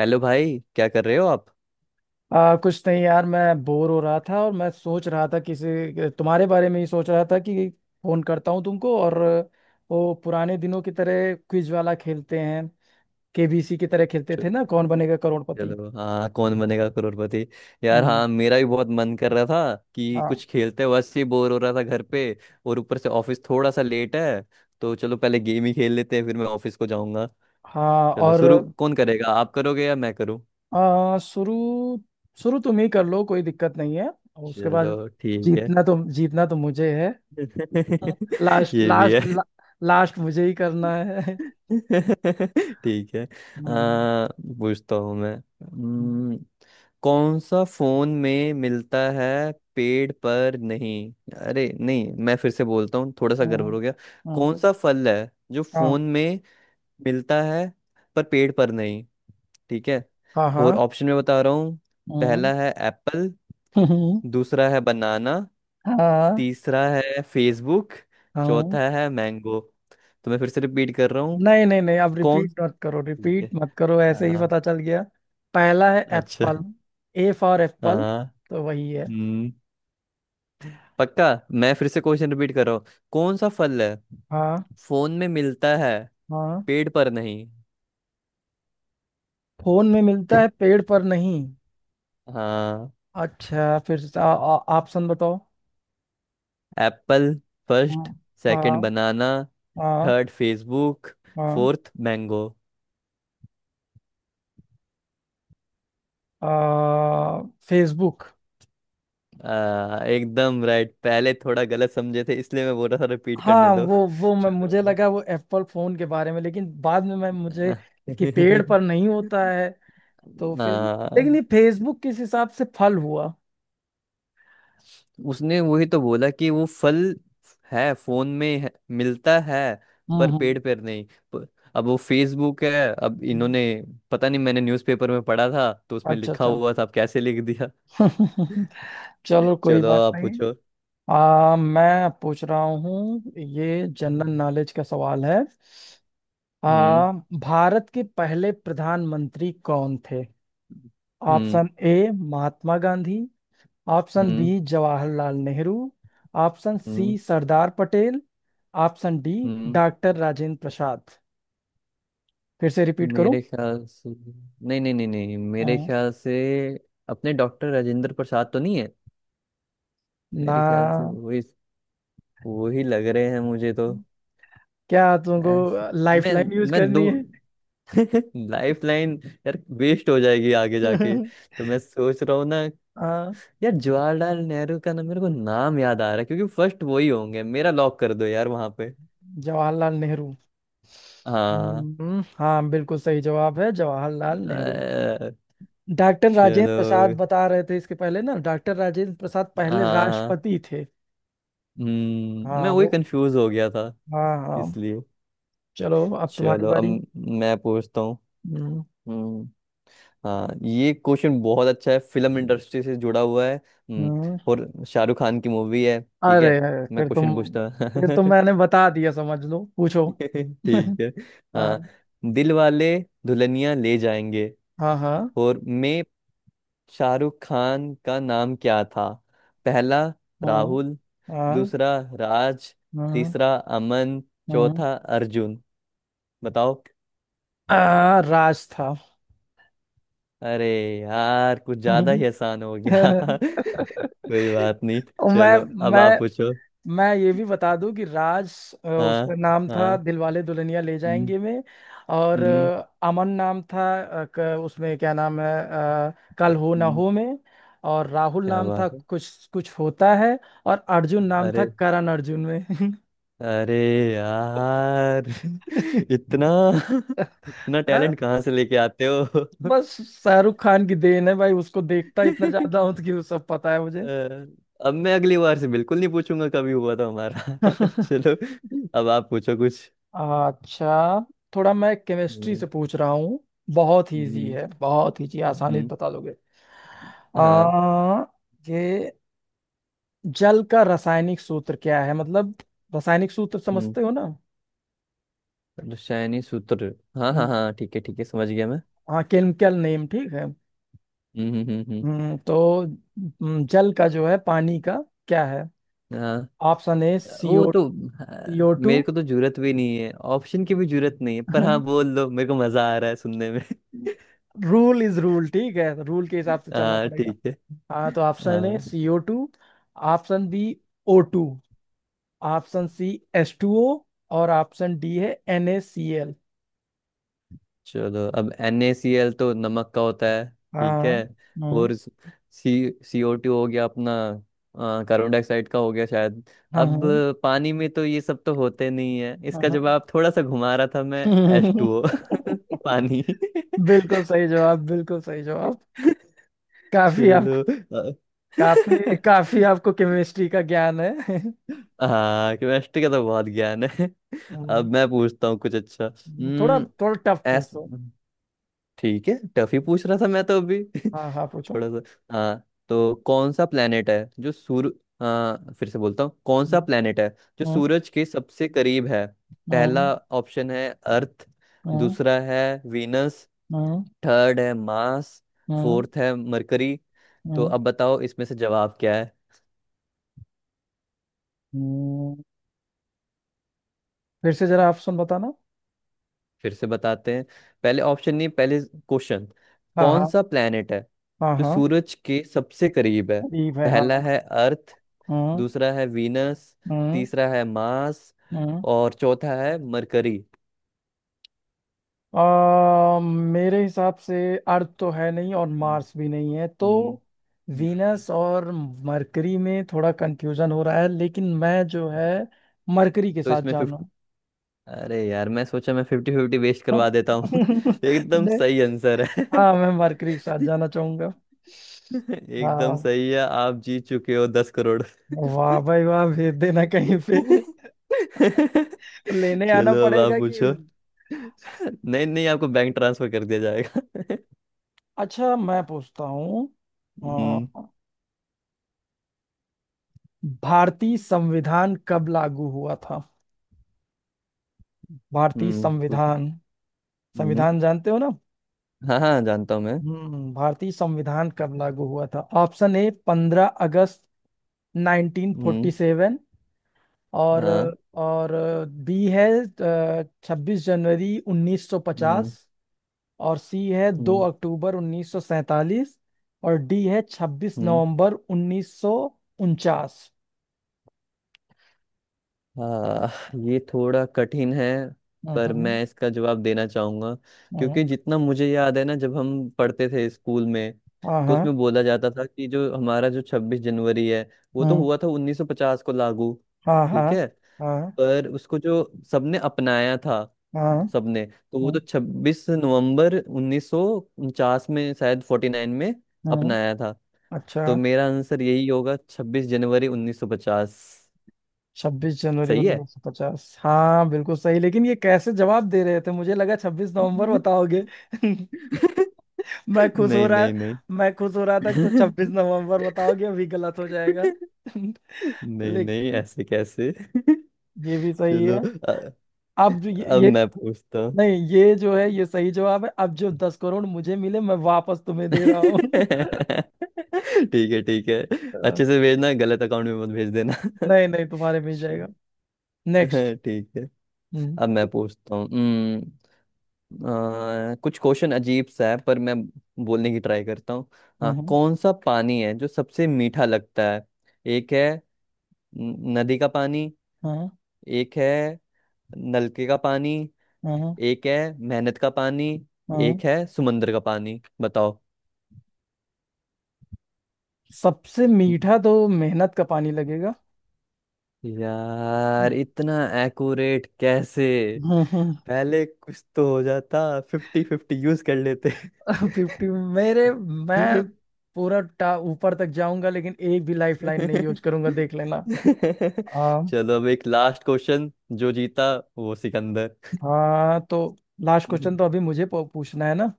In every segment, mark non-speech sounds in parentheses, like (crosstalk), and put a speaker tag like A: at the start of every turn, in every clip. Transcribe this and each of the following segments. A: Hello भाई, क्या कर रहे हो आप।
B: कुछ नहीं यार, मैं बोर हो रहा था और मैं सोच रहा था, किसी तुम्हारे बारे में ही सोच रहा था कि फोन करता हूँ तुमको। और वो पुराने दिनों की तरह क्विज वाला खेलते हैं, KBC की तरह खेलते थे
A: चल-
B: ना, कौन बनेगा करोड़पति।
A: चलो हाँ, कौन बनेगा करोड़पति। यार
B: हम्म।
A: हाँ, मेरा भी बहुत मन कर रहा था कि
B: हाँ।
A: कुछ खेलते, वैसे ही बोर हो रहा था घर पे। और ऊपर से ऑफिस थोड़ा सा लेट है, तो चलो पहले गेम ही खेल लेते हैं, फिर मैं ऑफिस को जाऊंगा।
B: हाँ।
A: चलो
B: और
A: शुरू, कौन करेगा, आप करोगे या मैं करूँ।
B: शुरू शुरू तुम ही कर लो, कोई दिक्कत नहीं है। और उसके बाद
A: चलो ठीक है।
B: जीतना तो मुझे है।
A: (laughs)
B: लास्ट
A: ये भी
B: लास्ट
A: है।
B: ला, लास्ट मुझे ही करना है। (laughs)
A: (laughs) ठीक है।
B: हम्म।
A: पूछता हूँ मैं।
B: हम्म।
A: कौन सा फोन में मिलता है, पेड़ पर नहीं। अरे नहीं, मैं फिर से बोलता हूँ, थोड़ा सा
B: हम्म,
A: गड़बड़ हो गया।
B: हम्म,
A: कौन सा फल है जो
B: हाँ।
A: फोन में मिलता है पर पेड़ पर नहीं। ठीक है,
B: हाँ। हाँ।
A: और ऑप्शन में बता रहा हूँ।
B: हम्म।
A: पहला है एप्पल।
B: हम्म,
A: दूसरा है बनाना।
B: हाँ।
A: तीसरा है फेसबुक।
B: हाँ।
A: चौथा है मैंगो। तो मैं फिर से रिपीट कर रहा हूँ।
B: नहीं नहीं नहीं, अब
A: कौन।
B: रिपीट मत करो,
A: ठीक है,
B: रिपीट मत करो, ऐसे ही
A: हाँ।
B: पता चल गया। पहला है
A: अच्छा।
B: एप्पल। ए फॉर एप्पल,
A: हाँ।
B: तो वही है।
A: हम्म। पक्का। मैं फिर से क्वेश्चन रिपीट कर रहा हूँ। कौन सा फल है
B: हाँ।
A: फोन में मिलता है
B: हाँ।
A: पेड़ पर नहीं।
B: फोन में मिलता है, पेड़ पर नहीं।
A: हाँ।
B: अच्छा, फिर से ऑप्शन बताओ।
A: एप्पल
B: हाँ।
A: फर्स्ट। सेकंड
B: हाँ।
A: बनाना।
B: हाँ।
A: Third Facebook.
B: हाँ।
A: Fourth mango.
B: आ, फेसबुक।
A: एकदम राइट। पहले थोड़ा गलत समझे थे, इसलिए मैं बोल रहा था रिपीट करने
B: हाँ
A: दो।
B: वो मैं, मुझे
A: चलो।
B: लगा वो एप्पल फोन के बारे में, लेकिन बाद में मैं, मुझे कि पेड़
A: (laughs)
B: पर नहीं होता है। तो फिर लेकिन
A: हाँ।
B: ये फेसबुक किस हिसाब से फल हुआ?
A: उसने वही तो बोला कि वो फल है, फोन में है, मिलता है,
B: हम्म।
A: पर पेड़ पर नहीं। प- अब वो फेसबुक है। अब
B: हम्म।
A: इन्होंने पता नहीं, मैंने न्यूज़पेपर में पढ़ा था तो उसमें
B: अच्छा
A: लिखा
B: अच्छा।
A: हुआ था, अब कैसे लिख दिया।
B: (laughs) चलो,
A: (laughs)
B: कोई
A: चलो,
B: बात
A: आप
B: नहीं।
A: पूछो।
B: मैं पूछ रहा हूँ, ये जनरल नॉलेज का सवाल है।
A: हम्म।
B: आ, भारत के पहले प्रधानमंत्री कौन थे?
A: हम्म।
B: Option A Mahatma Gandhi. Option B
A: हम्म।
B: जवाहरलाल नेहरू। ऑप्शन सी
A: हम्म।
B: सरदार पटेल। ऑप्शन डी
A: हम्म।
B: डॉक्टर राजेंद्र प्रसाद। फिर से रिपीट करूँ?
A: मेरे ख्याल से, नहीं नहीं नहीं नहीं, मेरे ख्याल से अपने डॉक्टर राजेंद्र प्रसाद तो नहीं है।
B: ना,
A: मेरे ख्याल से वही, वही लग रहे हैं मुझे तो।
B: क्या तुमको
A: ऐस-
B: लाइफ
A: मैं
B: लाइन यूज
A: मैं दो
B: करनी है?
A: (laughs) Life line. यार वेस्ट हो जाएगी आगे जाके।
B: (laughs)
A: तो मैं सोच रहा हूँ ना।
B: हाँ,
A: यार, जवाहरलाल नेहरू का ना मेरे को नाम याद आ रहा है क्योंकि फर्स्ट वही होंगे, मेरा लॉक कर दो यार वहां पे।
B: जवाहरलाल नेहरू।
A: हाँ।
B: हाँ, बिल्कुल सही जवाब है, जवाहरलाल नेहरू।
A: अ,
B: डॉक्टर राजेंद्र
A: चलो।
B: प्रसाद बता रहे थे इसके पहले ना, डॉक्टर राजेंद्र प्रसाद पहले
A: हाँ।
B: राष्ट्रपति थे।
A: हम्म, मैं
B: हाँ
A: वही
B: वो।
A: कंफ्यूज हो गया था
B: हाँ। हाँ।
A: इसलिए।
B: चलो, अब तुम्हारी
A: चलो अब
B: बारी।
A: मैं पूछता हूँ।
B: हम्म।
A: हम्म, हाँ ये क्वेश्चन बहुत अच्छा है, फिल्म इंडस्ट्री से जुड़ा हुआ है।
B: हम्म।
A: और शाहरुख खान की मूवी है। ठीक
B: अरे
A: है,
B: अरे,
A: मैं
B: फिर तुम,
A: क्वेश्चन पूछता हूँ।
B: मैंने
A: (laughs)
B: बता दिया, समझ लो पूछो। (laughs)
A: ठीक है। हाँ।
B: हाँ।
A: दिल वाले दुल्हनिया ले जाएंगे
B: हाँ। हाँ।
A: और में शाहरुख खान का नाम क्या था। पहला
B: हाँ।
A: राहुल।
B: हाँ।
A: दूसरा राज।
B: हाँ।
A: तीसरा अमन।
B: हाँ।
A: चौथा अर्जुन। बताओ।
B: राज था।
A: अरे यार, कुछ ज्यादा ही आसान हो गया। (laughs) कोई बात नहीं।
B: मैं
A: चलो अब
B: मैं
A: आप पूछो।
B: मैं ये भी बता दूं कि राज,
A: हाँ।
B: उसका नाम था
A: हाँ।
B: दिलवाले दुल्हनिया ले
A: हम्म।
B: जाएंगे में। और
A: हम्म।
B: अमन नाम था। उसमें क्या नाम है? कल हो ना
A: हम्म,
B: हो में। और राहुल
A: क्या
B: नाम था
A: बात है।
B: कुछ कुछ होता है। और अर्जुन नाम था
A: अरे।
B: करण अर्जुन में।
A: अरे यार। (laughs)
B: (laughs)
A: इतना (laughs) इतना
B: हाँ,
A: टैलेंट कहाँ से लेके आते हो।
B: बस शाहरुख खान की देन है भाई, उसको देखता इतना ज्यादा
A: (laughs)
B: हूं तो कि वो सब पता है मुझे।
A: अ, अब मैं अगली बार से बिल्कुल नहीं पूछूंगा, कभी हुआ था हमारा। (laughs)
B: (laughs)
A: चलो अब आप पूछो कुछ।
B: अच्छा, थोड़ा मैं केमिस्ट्री
A: हम्म।
B: से पूछ रहा हूँ। बहुत इजी
A: हम्म।
B: है, बहुत इजी, आसानी से
A: हम्म,
B: बता लोगे।
A: हाँ
B: आ, ये जल का रासायनिक सूत्र क्या है? मतलब, रासायनिक सूत्र समझते हो ना?
A: रसायनी सूत्र, हाँ हाँ
B: हम्म,
A: हाँ ठीक है ठीक है, समझ गया मैं।
B: हाँ केमिकल नेम, ठीक है।
A: हम्म। हम्म। हम्म।
B: तो जल का जो है, पानी का क्या है?
A: हाँ।
B: ऑप्शन ए
A: वो
B: सीओ
A: तो हाँ,
B: CO2।
A: मेरे को तो जरूरत भी नहीं है, ऑप्शन की भी जरूरत नहीं है पर हाँ
B: (laughs)
A: बोल दो, मेरे को मजा आ रहा है सुनने में।
B: रूल इज रूल, ठीक है, रूल के हिसाब
A: (laughs)
B: से चलना
A: हाँ
B: पड़ेगा।
A: ठीक है।
B: हाँ, तो ऑप्शन ए
A: हाँ।
B: CO2। Option B O2। Option C S2O। और ऑप्शन डी है NaCl।
A: चलो, अब NaCl तो नमक का होता है। ठीक है।
B: हाँ। हाँ।
A: और सी CO2 हो गया अपना। कार्बन डाइऑक्साइड का हो गया शायद। अब
B: हाँ।
A: पानी में तो ये सब तो होते नहीं है,
B: हाँ।
A: इसका
B: हाँ।
A: जवाब थोड़ा सा घुमा रहा था मैं। H2O।
B: (laughs)
A: (laughs) पानी।
B: बिल्कुल सही जवाब, बिल्कुल सही जवाब। काफी आपको
A: चलो। अ-
B: काफी काफी
A: (laughs)
B: आपको केमिस्ट्री का ज्ञान है। (laughs)
A: हाँ केमिस्ट्री का तो बहुत ज्ञान है। अब
B: हम्म,
A: मैं पूछता हूँ कुछ अच्छा।
B: थोड़ा
A: हम्म।
B: थोड़ा टफ
A: एस
B: पूछो।
A: ठीक है, टफ ही पूछ रहा था मैं तो अभी।
B: हाँ। हाँ,
A: (laughs)
B: पूछो।
A: थोड़ा सा। हाँ तो कौन सा प्लेनेट है जो सूर्य, हाँ फिर से बोलता हूँ कौन
B: हम्म,
A: सा प्लेनेट है जो
B: हम्म,
A: सूरज के सबसे करीब है।
B: हम्म,
A: पहला ऑप्शन है अर्थ।
B: हम्म,
A: दूसरा है वीनस। थर्ड है मार्स।
B: हम्म, हम्म,
A: फोर्थ है मरकरी। तो अब बताओ इसमें से जवाब क्या।
B: हम्म। फिर से जरा ऑप्शन बताना।
A: फिर से बताते हैं। पहले ऑप्शन नहीं, पहले क्वेश्चन।
B: हाँ।
A: कौन
B: हाँ।
A: सा प्लेनेट है
B: हाँ।
A: जो
B: हाँ।
A: सूरज के सबसे करीब है।
B: अदीब है
A: पहला
B: हाँ।
A: है अर्थ।
B: हम्म।
A: दूसरा है वीनस।
B: हम्म।
A: तीसरा है मार्स।
B: हम्म।
A: और चौथा है मरकरी।
B: मेरे हिसाब से अर्थ तो है नहीं और
A: हम्म,
B: मार्स भी नहीं है, तो
A: हम्म, हम्म।
B: वीनस और मरकरी में थोड़ा कंफ्यूजन हो रहा है, लेकिन मैं जो है मरकरी के
A: तो
B: साथ
A: इसमें फिफ्ट
B: जाना।
A: अरे यार, मैं सोचा मैं फिफ्टी फिफ्टी वेस्ट करवा
B: (laughs)
A: देता हूँ। (laughs) एकदम
B: नहीं,
A: सही आंसर है।
B: हाँ मैं मरकरी के साथ जाना चाहूंगा।
A: (laughs) एकदम
B: हाँ,
A: सही है, आप जीत चुके हो 10 करोड़।
B: वाह भाई वाह, भेज देना कहीं पे।
A: (laughs)
B: (laughs) लेने आना
A: चलो अब आप
B: पड़ेगा कि।
A: पूछो। नहीं नहीं, आपको बैंक ट्रांसफर कर दिया जाएगा। (laughs)
B: अच्छा, मैं पूछता हूँ,
A: हम्म।
B: भारतीय संविधान कब लागू हुआ था? भारतीय
A: हम्म पु-
B: संविधान,
A: हम्म,
B: संविधान जानते हो ना?
A: हाँ हाँ जानता हूँ मैं।
B: हम्म, भारतीय संविधान कब लागू हुआ था? ऑप्शन ए पंद्रह अगस्त नाइनटीन फोर्टी
A: हम्म।
B: सेवन और
A: हाँ।
B: और बी है छब्बीस जनवरी उन्नीस सौ
A: हम्म।
B: पचास और सी है दो
A: हम्म।
B: अक्टूबर उन्नीस सौ सैतालीस और डी है छब्बीस
A: हम्म।
B: नवंबर उन्नीस सौ उनचास
A: हाँ ये थोड़ा कठिन है।
B: हम्म।
A: पर मैं इसका जवाब देना चाहूंगा,
B: हम्म,
A: क्योंकि जितना मुझे याद है ना जब हम पढ़ते थे स्कूल में,
B: हाँ।
A: तो
B: हाँ।
A: उसमें बोला जाता था कि जो हमारा जो 26 जनवरी है, वो तो
B: हम्म,
A: हुआ था 1950 को लागू।
B: हाँ। हाँ।
A: ठीक है।
B: हाँ।
A: पर उसको जो सबने अपनाया था, सबने तो वो तो
B: हाँ।
A: 26 नवंबर 1949 में, शायद 49 में
B: हम्म।
A: अपनाया था।
B: अच्छा,
A: तो मेरा आंसर यही होगा 26 जनवरी 1950।
B: छब्बीस जनवरी
A: सही है।
B: उन्नीस सौ पचास हाँ बिल्कुल सही। लेकिन ये कैसे जवाब दे रहे थे, मुझे लगा 26 नवंबर
A: (laughs)
B: बताओगे। (laughs) मैं खुश हो
A: नहीं
B: रहा
A: नहीं नहीं।
B: मैं खुश हो रहा था कि तो 26 नवंबर बताओगे, अभी गलत हो जाएगा। (laughs)
A: (laughs) नहीं नहीं,
B: लेकिन
A: ऐसे कैसे। (laughs)
B: ये भी सही
A: चलो।
B: है।
A: अ-
B: अब जो ये,
A: अब
B: ये
A: मैं पूछता हूँ।
B: नहीं, ये जो है ये सही जवाब है। अब जो 10 करोड़ मुझे मिले, मैं वापस तुम्हें
A: (laughs)
B: दे रहा हूँ। (laughs)
A: ठीक है ठीक है। अच्छे से भेजना, गलत अकाउंट में मत भेज देना।
B: नहीं नहीं, तुम्हारे मिल जाएगा।
A: (laughs) (laughs)
B: नेक्स्ट।
A: है, ठीक है।
B: हम्म।
A: अब मैं पूछता हूँ। कुछ क्वेश्चन अजीब सा है, पर मैं बोलने की ट्राई करता हूँ। हाँ
B: हम्म।
A: कौन सा पानी है जो सबसे मीठा लगता है। एक है नदी का पानी।
B: हम्म।
A: एक है नलके का पानी।
B: हम्म।
A: एक है मेहनत का पानी।
B: हम्म।
A: एक है समुंदर का पानी, बताओ।
B: सबसे मीठा तो मेहनत का पानी लगेगा।
A: यार इतना एक्यूरेट कैसे।
B: हम्म। हम्म।
A: पहले कुछ तो हो जाता, फिफ्टी फिफ्टी यूज कर लेते।
B: (laughs) फिफ्टी। मेरे मैं
A: (laughs)
B: पूरा टा ऊपर तक जाऊंगा, लेकिन एक भी लाइफ लाइन नहीं यूज
A: (laughs)
B: करूंगा, देख लेना। आ,
A: चलो, अब एक लास्ट क्वेश्चन, जो जीता वो सिकंदर।
B: हाँ, तो लास्ट क्वेश्चन
A: हम्म,
B: तो अभी मुझे पूछना है ना।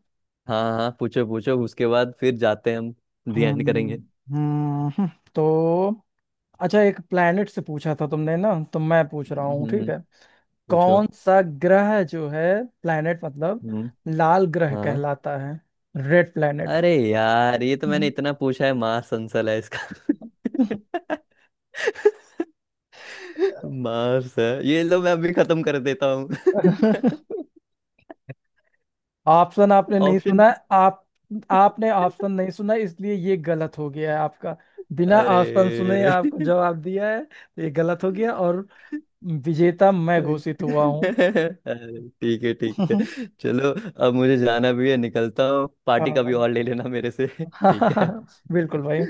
A: हाँ हाँ पूछो पूछो, उसके बाद फिर जाते हैं हम। दी
B: हम्म।
A: एंड करेंगे।
B: हम्म, हम्म, तो अच्छा, एक प्लेनेट से पूछा था तुमने ना, तो मैं पूछ रहा हूँ, ठीक
A: हम्म।
B: है।
A: पूछो।
B: कौन सा ग्रह जो है, प्लेनेट मतलब,
A: हम्म।
B: लाल ग्रह
A: हाँ।
B: कहलाता है? Red planet.
A: अरे यार, ये तो मैंने इतना
B: (laughs)
A: पूछा है, मार्स आंसर है इसका।
B: हम्म।
A: (laughs) मार्स है, ये लो मैं अभी खत्म कर देता हूँ। (laughs)
B: (laughs) ऑप्शन आपने नहीं
A: ऑप्शन।
B: सुना है, आप आपने ऑप्शन नहीं सुना, इसलिए ये गलत हो गया है आपका। बिना
A: अरे।
B: ऑप्शन सुने आपको जवाब दिया है तो ये गलत हो गया,
A: (laughs)
B: और विजेता मैं
A: अरे,
B: घोषित हुआ हूँ।
A: ठीक है ठीक
B: (laughs)
A: है। चलो, अब मुझे जाना भी है, निकलता हूँ पार्टी का भी,
B: हाँ,
A: और ले लेना मेरे से। ठीक है।
B: हाँ,
A: (laughs)
B: (laughs) बिल्कुल भाई।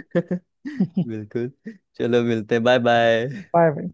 A: बिल्कुल। चलो मिलते हैं, बाय बाय।
B: बाय भाई।